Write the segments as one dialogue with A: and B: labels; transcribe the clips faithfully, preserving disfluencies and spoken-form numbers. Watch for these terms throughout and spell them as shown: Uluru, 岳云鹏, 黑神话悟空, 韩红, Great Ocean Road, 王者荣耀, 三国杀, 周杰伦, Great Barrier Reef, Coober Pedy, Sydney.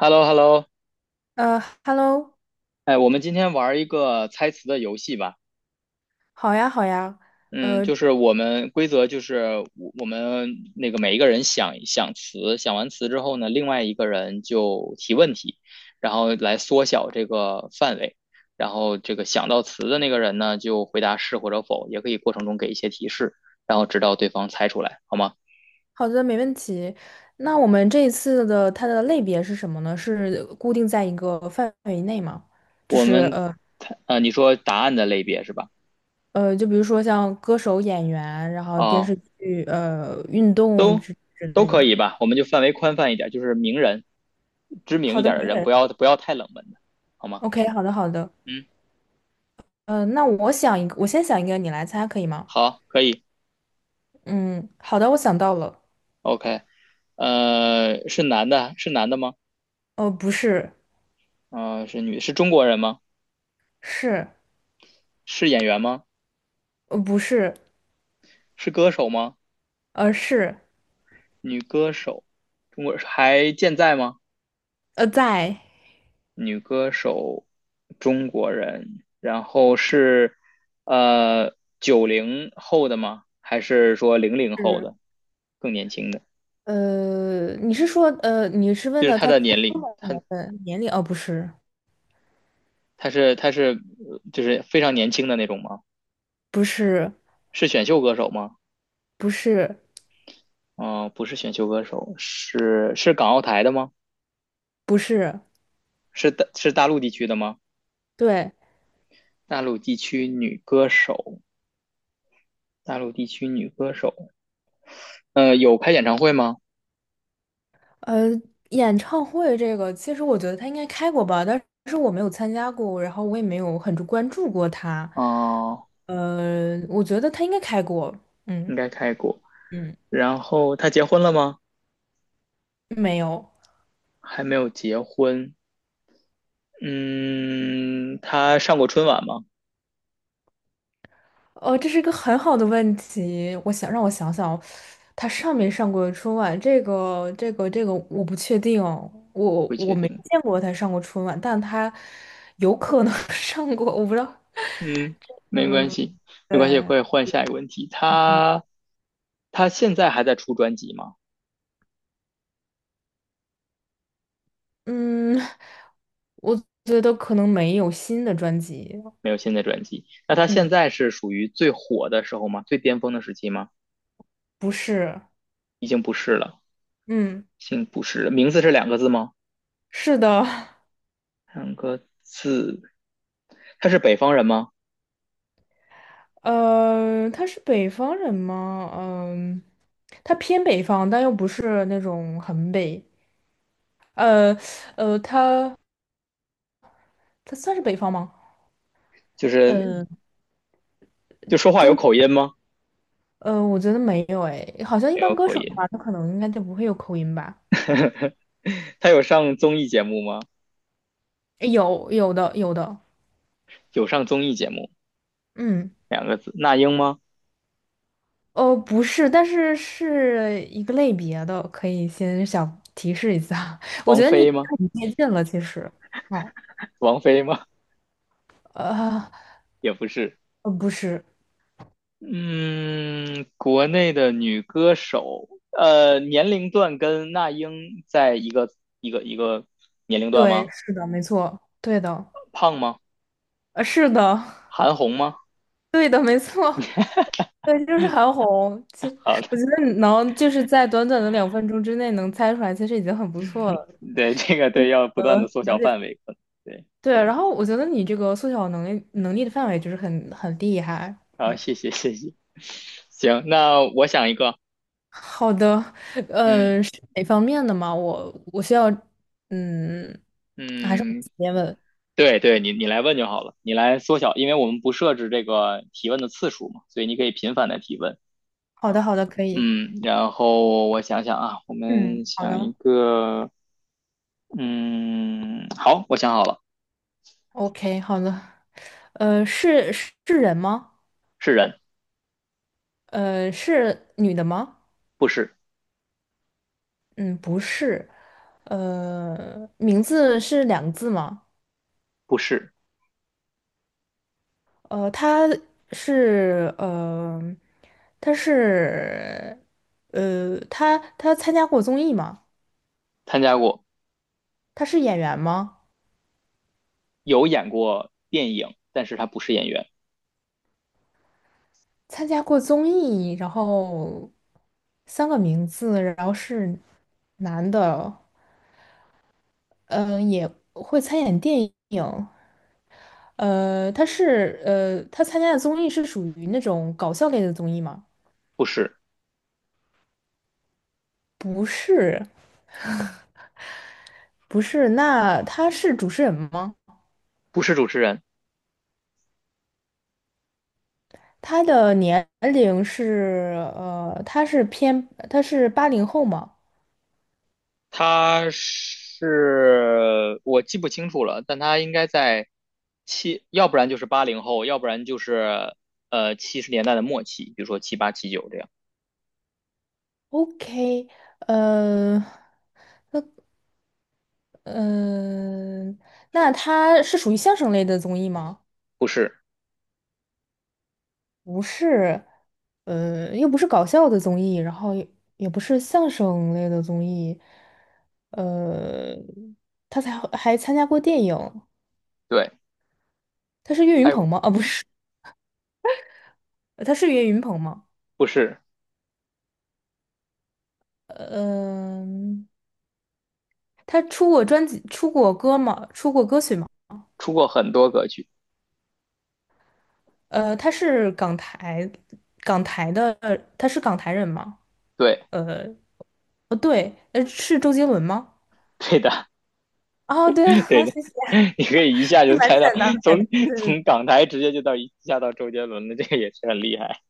A: h e l l o h e l l o
B: 呃，Hello，
A: 哎，我们今天玩一个猜词的游戏吧。
B: 好呀，好呀，
A: 嗯，
B: 呃，
A: 就是我们规则就是我我们那个每一个人想想词，想完词之后呢，另外一个人就提问题，然后来缩小这个范围。然后这个想到词的那个人呢，就回答是或者否，也可以过程中给一些提示，然后直到对方猜出来，好吗？
B: 好的，没问题。那我们这一次的它的类别是什么呢？是固定在一个范围内吗？就
A: 我
B: 是
A: 们
B: 呃
A: 猜，呃，你说答案的类别是吧？
B: 呃，就比如说像歌手、演员，然后电
A: 啊、
B: 视剧、呃，运动
A: 都
B: 之之
A: 都
B: 类
A: 可
B: 的。
A: 以吧，我们就范围宽泛一点，就是名人，知名
B: 好
A: 一
B: 的，
A: 点的
B: 名
A: 人，
B: 人。
A: 不要不要太冷门的，好吗？
B: OK，好的，好的。
A: 嗯，
B: 呃，那我想一个，我先想一个，你来猜可以吗？
A: 好，可以
B: 嗯，好的，我想到了。
A: ，OK。呃，是男的，是男的吗？
B: 呃，不是，
A: 啊，是女，是中国人吗？
B: 是，
A: 是演员吗？
B: 呃，不是，
A: 是歌手吗？
B: 呃，是，
A: 女歌手，中国还健在吗？
B: 呃，在。
A: 女歌手，中国人，然后是呃九零后的吗？还是说零零后的，更年轻的？
B: 呃，你是说，呃，你是问
A: 就是
B: 的
A: 他
B: 他
A: 的
B: 出
A: 年
B: 生
A: 龄，
B: 的
A: 他
B: 年份、年龄？哦，不是，
A: 他是他是呃就是非常年轻的那种吗？
B: 不是，
A: 是选秀歌手吗？
B: 不是，
A: 嗯、不是选秀歌手，是是港澳台的吗？
B: 不是，
A: 是大是大陆地区的吗？
B: 对，
A: 大陆地区女歌手，大陆地区女歌手。呃，有开演唱会吗？
B: 呃，演唱会这个，其实我觉得他应该开过吧，但是我没有参加过，然后我也没有很关注过他。
A: 哦、
B: 呃，我觉得他应该开过，
A: 应
B: 嗯
A: 该开过。
B: 嗯，
A: 然后她结婚了吗？
B: 没有。
A: 还没有结婚。嗯，她上过春晚吗？
B: 哦，这是一个很好的问题。我想让我想想，他上没上过春晚？这个、这个、这个，我不确定哦。我
A: 不
B: 我
A: 确
B: 没
A: 定。
B: 见过他上过春晚，但他有可能 上过，我不知道。
A: 嗯，没关
B: 嗯，
A: 系，没关系，
B: 对，
A: 可以换下一个问题。他他现在还在出专辑吗？
B: 嗯，我觉得可能没有新的专辑。
A: 没有新的专辑。那他现
B: 嗯，
A: 在是属于最火的时候吗？最巅峰的时期吗？
B: 不是。
A: 已经不是了，
B: 嗯，
A: 已经不是了。名字是两个字吗？
B: 是的。
A: 两个字。他是北方人吗？
B: 呃，他是北方人吗？嗯，他偏北方，但又不是那种很北。呃呃，它它算是北方吗？
A: 就是
B: 呃，
A: 就说话有
B: 中东
A: 口音吗？
B: 呃，我觉得没有哎，好像一
A: 没
B: 般
A: 有
B: 歌
A: 口
B: 手的
A: 音。
B: 话，他可能应该就不会有口音吧？
A: 他有上综艺节目吗？
B: 有有的有的，
A: 有上综艺节目，
B: 嗯，
A: 两个字。那英吗？
B: 哦，不是，但是是一个类别的，可以先小提示一下。我
A: 王
B: 觉得你已
A: 菲吗？
B: 经很接近了，其实，哦，
A: 王菲吗？
B: 呃，
A: 也不是。
B: 呃，不是，
A: 嗯，国内的女歌手，呃，年龄段跟那英在一个一个一个年龄段吗？
B: 对，是的，没错，对的，
A: 胖吗？
B: 呃，是的，
A: 韩红吗？
B: 对的，没错。对，就是韩红。其实
A: 好的。
B: 我觉得你能就是在短短的两分钟之内能猜出来，其实已经很不错了。
A: 对，这个对，要不断的缩小
B: 了
A: 范
B: 解
A: 围，可能对。
B: 对，然后我觉得你这个缩小能力能力的范围就是很很厉害。
A: 好，
B: 嗯，
A: 谢谢谢谢，行，那我想一个。
B: 好的，
A: 嗯
B: 呃，是哪方面的吗？我我需要，嗯，还是我
A: 嗯，
B: 直接问？
A: 对对，你你来问就好了，你来缩小，因为我们不设置这个提问的次数嘛，所以你可以频繁的提问。
B: 好
A: 啊
B: 的，好的，可以。
A: 嗯，然后我想想啊，我
B: 嗯，
A: 们
B: 好
A: 想
B: 的
A: 一个。嗯，好，我想好了。
B: ，OK，好的。呃，是是人吗？
A: 是人。
B: 呃，是女的吗？
A: 不是。
B: 嗯，不是，呃，名字是两个字吗？
A: 不是。
B: 呃，他是呃，他是呃，他他参加过综艺吗？
A: 参加过。
B: 他是演员吗？
A: 有演过电影，但是他不是演员。
B: 参加过综艺，然后三个名字，然后是男的，嗯、也会参演电影，呃，他是呃，他参加的综艺是属于那种搞笑类的综艺吗？
A: 不是。
B: 不是。不是，那他是主持人吗？
A: 不是主持人。
B: 他的年龄是呃，他是偏他是八零后吗
A: 他是，我记不清楚了，但他应该在七，要不然就是八零后，要不然就是呃七十年代的末期，比如说七八七九这样。
B: ？OK，呃嗯、那他是属于相声类的综艺吗？
A: 不是。
B: 不是，呃，又不是搞笑的综艺，然后也也不是相声类的综艺，呃，他才还参加过电影，
A: 对。
B: 他是岳
A: 还
B: 云
A: 有
B: 鹏吗？啊，不是，呃他是岳云鹏吗？
A: 不是。
B: 呃嗯、他出过专辑，出过歌吗？出过歌曲吗？
A: 出过很多歌曲。
B: 呃，他是港台，港台的，呃他是港台人吗？
A: 对。
B: 呃，不对，呃，是周杰伦吗？
A: 对的。
B: 哦，对，
A: 对
B: 好，
A: 的。
B: 谢谢，
A: 你可以一下
B: 是
A: 就
B: 蛮
A: 猜
B: 简
A: 到，
B: 单的感觉。
A: 从
B: 对对对，
A: 从港台直接就到一下到周杰伦的，这个也是很厉害。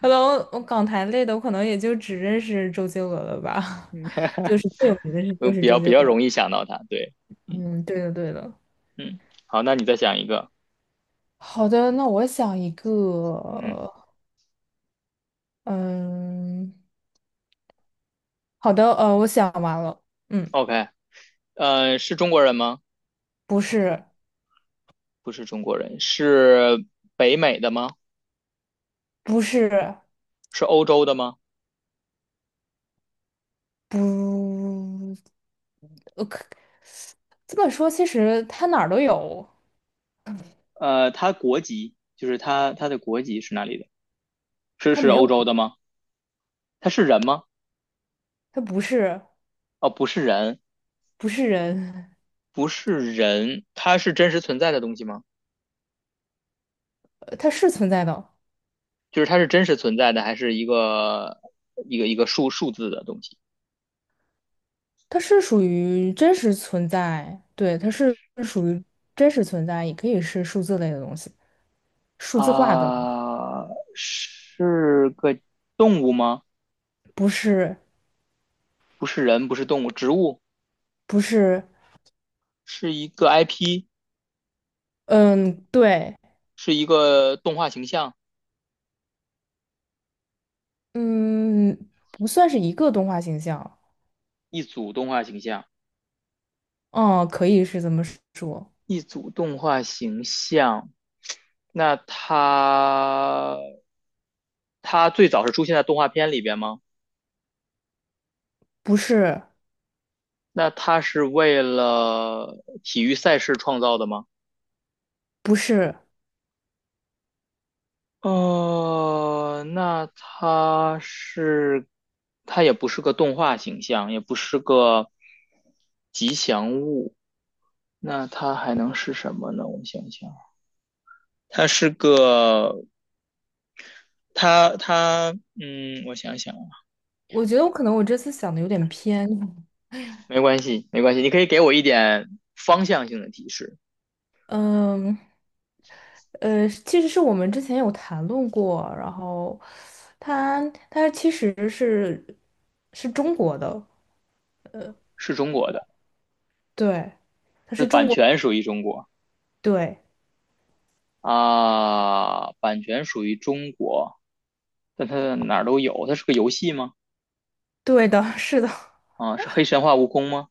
B: 可能我港台类的，我可能也就只认识周杰伦了吧，就 是最有名的是就
A: 嗯，
B: 是
A: 比
B: 周
A: 较比
B: 杰
A: 较
B: 伦。
A: 容易想到他，对。嗯
B: 嗯，对的对的。
A: 嗯。好，那你再想一个。
B: 好的，那我想一
A: 嗯
B: 个，嗯，好的，呃，我想完了，嗯，
A: ，OK。呃，是中国人吗？
B: 不是，
A: 不是中国人，是北美的吗？
B: 不是，
A: 是欧洲的吗？
B: 不，呃，可这么说，其实它哪儿都有，
A: 呃，他国籍就是他他的国籍是哪里的？是
B: 它
A: 是
B: 没有
A: 欧洲
B: 不，
A: 的吗？他是人吗？
B: 它不是
A: 哦，不是人，
B: 不是人，
A: 不是人。他是真实存在的东西吗？
B: 呃它是存在的，
A: 就是它是真实存在的，还是一个一个一个数数字的东西
B: 它是属于真实存在，对，它是属于真实存在，也可以是数字类的东西，数字化的，
A: 啊？是个动物吗？
B: 不是
A: 不是人，不是动物，植物，
B: 不是，
A: 是一个 I P,
B: 嗯，对，
A: 是一个动画形象，
B: 嗯，不算是一个动画形象，
A: 一组动画形象，
B: 哦，可以是这么说，
A: 一组动画形象。那它它最早是出现在动画片里边吗？
B: 不是
A: 那它是为了体育赛事创造的吗？
B: 不是，
A: 哦，那它是，它也不是个动画形象，也不是个，那它还能是什么呢？我想想，它是个，它它，嗯，我想想啊。
B: 我觉得我可能我这次想的有点偏，
A: 没关系，没关系，你可以给我一点方向性的提示。
B: 嗯。呃，其实是我们之前有谈论过，然后他他其实是是中国的，
A: 是中国的，
B: 对，他
A: 那
B: 是中
A: 版
B: 国，
A: 权属于中国
B: 对，
A: 啊，版权属于中国，但它哪儿都有，它是个游戏吗？
B: 对的，是的，
A: 啊，是黑神话悟空吗？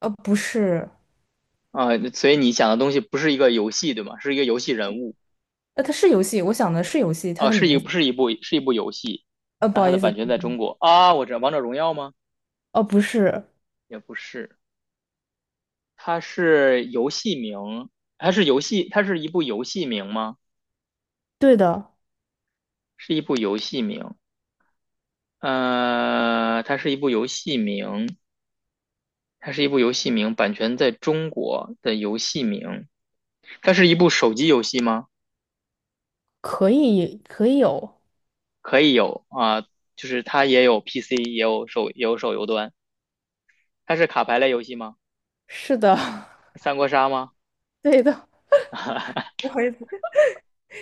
B: 呃，不是，
A: 啊，所以你想的东西不是一个游戏，对吗？是一个游戏人物，
B: 呃，它是游戏，我想的是游戏，它
A: 啊，
B: 的
A: 是
B: 名
A: 一
B: 字，
A: 是一部是一部游戏。
B: 呃，
A: 那
B: 不好
A: 它的
B: 意
A: 版
B: 思，
A: 权在中国啊，我知道《王者荣耀》吗？
B: 哦，不是，
A: 也不是。它是游戏名，它是游戏，它是一部游戏名吗？
B: 对的，
A: 是一部游戏名，呃，它是一部游戏名，它是一部游戏名，版权在中国的游戏名，它是一部手机游戏吗？
B: 可以可以有，
A: 可以有啊，就是它也有 P C,也有手也有手游端，它是卡牌类游戏吗？
B: 是的，
A: 三国杀吗？
B: 对的，不好意思，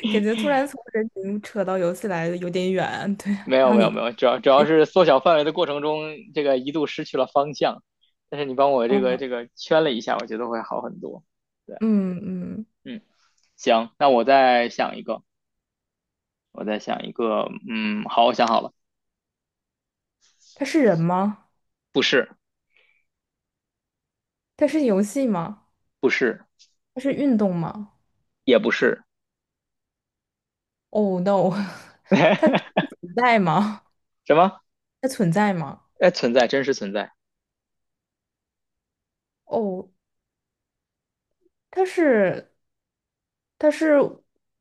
B: 感觉突然从人名扯到游戏来的有点远，对，
A: 没有
B: 让
A: 没有没
B: 你，
A: 有，主要主要是缩小范围的过程中，这个一度失去了方向。但是你帮我这个这个圈了一下，我觉得会好很多。对。
B: 嗯嗯，
A: 嗯，行，那我再想一个，我再想一个。嗯，好，我想好了。
B: 他是人吗？
A: 不是。
B: 它是游戏吗？
A: 不是。
B: 它是运动吗
A: 也不是。
B: ？Oh no，它存 在吗？
A: 什么？
B: 它存在吗？
A: 哎，存在，真实存在。
B: 哦，它是它是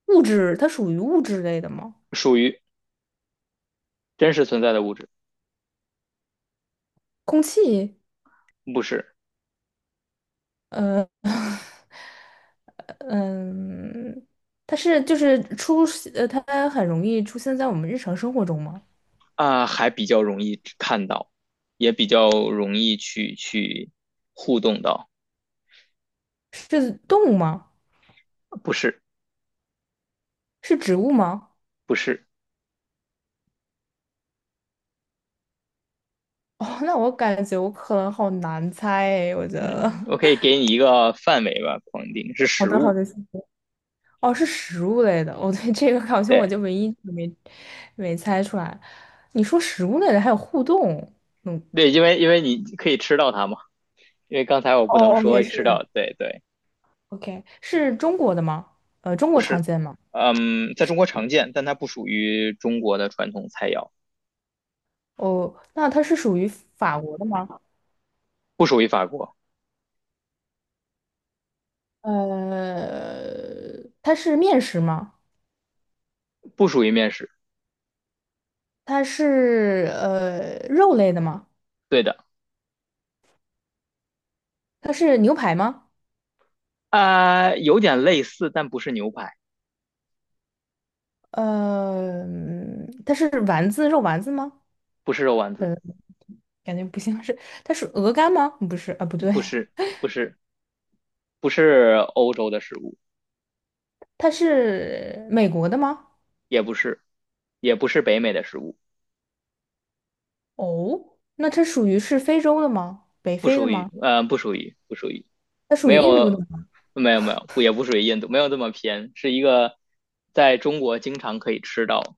B: 物质，它属于物质类的吗？
A: 属于真实存在的物质。
B: 空气，
A: 不是
B: 呃嗯，它是就是出呃，它很容易出现在我们日常生活中吗？
A: 啊，还比较容易看到，也比较容易去去互动到。
B: 是动物吗？
A: 不是。
B: 是植物吗？
A: 不是。
B: 哦，那我感觉我可能好难猜诶，我觉得。
A: 嗯，我可以 给你一个范围吧，框定是
B: 好
A: 食
B: 的，好
A: 物。
B: 的，哦，是食物类的，我对这个好像我
A: 对
B: 就唯一没没猜出来。你说食物类的还有互动，嗯，
A: 对，因为因为你可以吃到它嘛，因为刚才我不能
B: 哦哦，也
A: 说吃
B: 是。
A: 到，对对。
B: OK，是中国的吗？呃，中
A: 不
B: 国常
A: 是。
B: 见吗？
A: 嗯，在中国常见，但它不属于中国的传统菜肴。
B: 哦，那它是属于法国的吗？
A: 不属于法国。
B: 呃，它是面食吗？
A: 不属于面食。
B: 它是呃肉类的吗？
A: 对的。
B: 它是牛排吗？
A: 啊、有点类似，但不是牛排。
B: 呃，嗯它是丸子肉丸子吗？
A: 不是肉丸子。
B: 呃，感觉不像是，它是鹅肝吗？不是啊，不对，
A: 不是。不是，不是欧洲的食物。
B: 它是美国的吗？
A: 也不是，也不是北美的食物。
B: 哦，那它属于是非洲的吗？北
A: 不
B: 非的
A: 属于，
B: 吗？
A: 呃，不属于，不属于。
B: 它属
A: 没
B: 于印度的
A: 有，
B: 吗？
A: 没有没有，不也不属于印度，没有这么偏，是一个在中国经常可以吃到。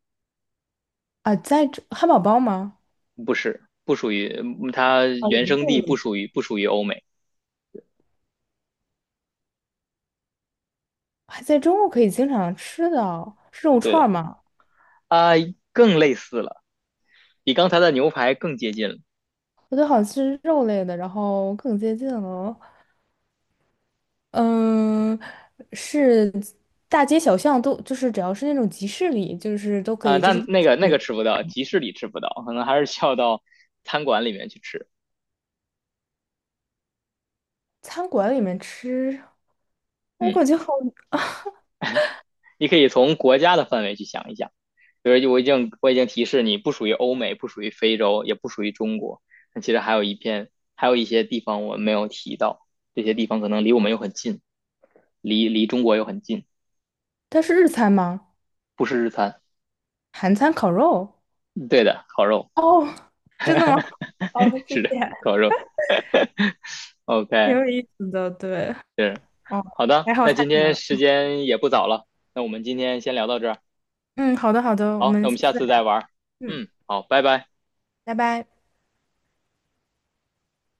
B: 啊，在这汉堡包吗？
A: 不是，不属于，嗯它
B: 啊，我
A: 原
B: 们
A: 生
B: 这
A: 地不
B: 里
A: 属于不属于欧美。
B: 还在中国可以经常吃的，是肉
A: 对
B: 串儿
A: 的。
B: 吗？
A: 啊、更类似了，比刚才的牛排更接近了。
B: 我觉得好像是肉类的，然后更接近了。嗯，是大街小巷都，就是只要是那种集市里，就是都可
A: 啊、
B: 以，就是
A: 但那个那
B: 你
A: 个吃不到，集市里吃不到，可能还是需要到餐馆里面去吃。
B: 餐馆里面吃，我
A: 嗯，
B: 感觉好，
A: 你可以从国家的范围去想一想。就我已经我已经提示你不属于欧美，不属于非洲，也不属于中国。那其实还有一片，还有一些地方我们没有提到，这些地方可能离我们又很近，离离中国又很近。
B: 它是日餐吗？
A: 不是日餐。
B: 韩餐烤肉？
A: 嗯对的，烤肉。
B: 哦，真的吗？哦，谢
A: 是的，
B: 谢，
A: 烤肉。
B: 挺
A: OK,
B: 有意思的，对，
A: 是
B: 哦，
A: 好的。
B: 还好
A: 那
B: 猜
A: 今
B: 出来
A: 天
B: 了。
A: 时间也不早了，那我们今天先聊到这儿。
B: 嗯，好的，好的，我
A: 好，那
B: 们
A: 我
B: 下
A: 们
B: 次
A: 下
B: 再
A: 次再
B: 聊。
A: 玩。
B: 嗯，
A: 嗯，好，拜拜。
B: 拜拜。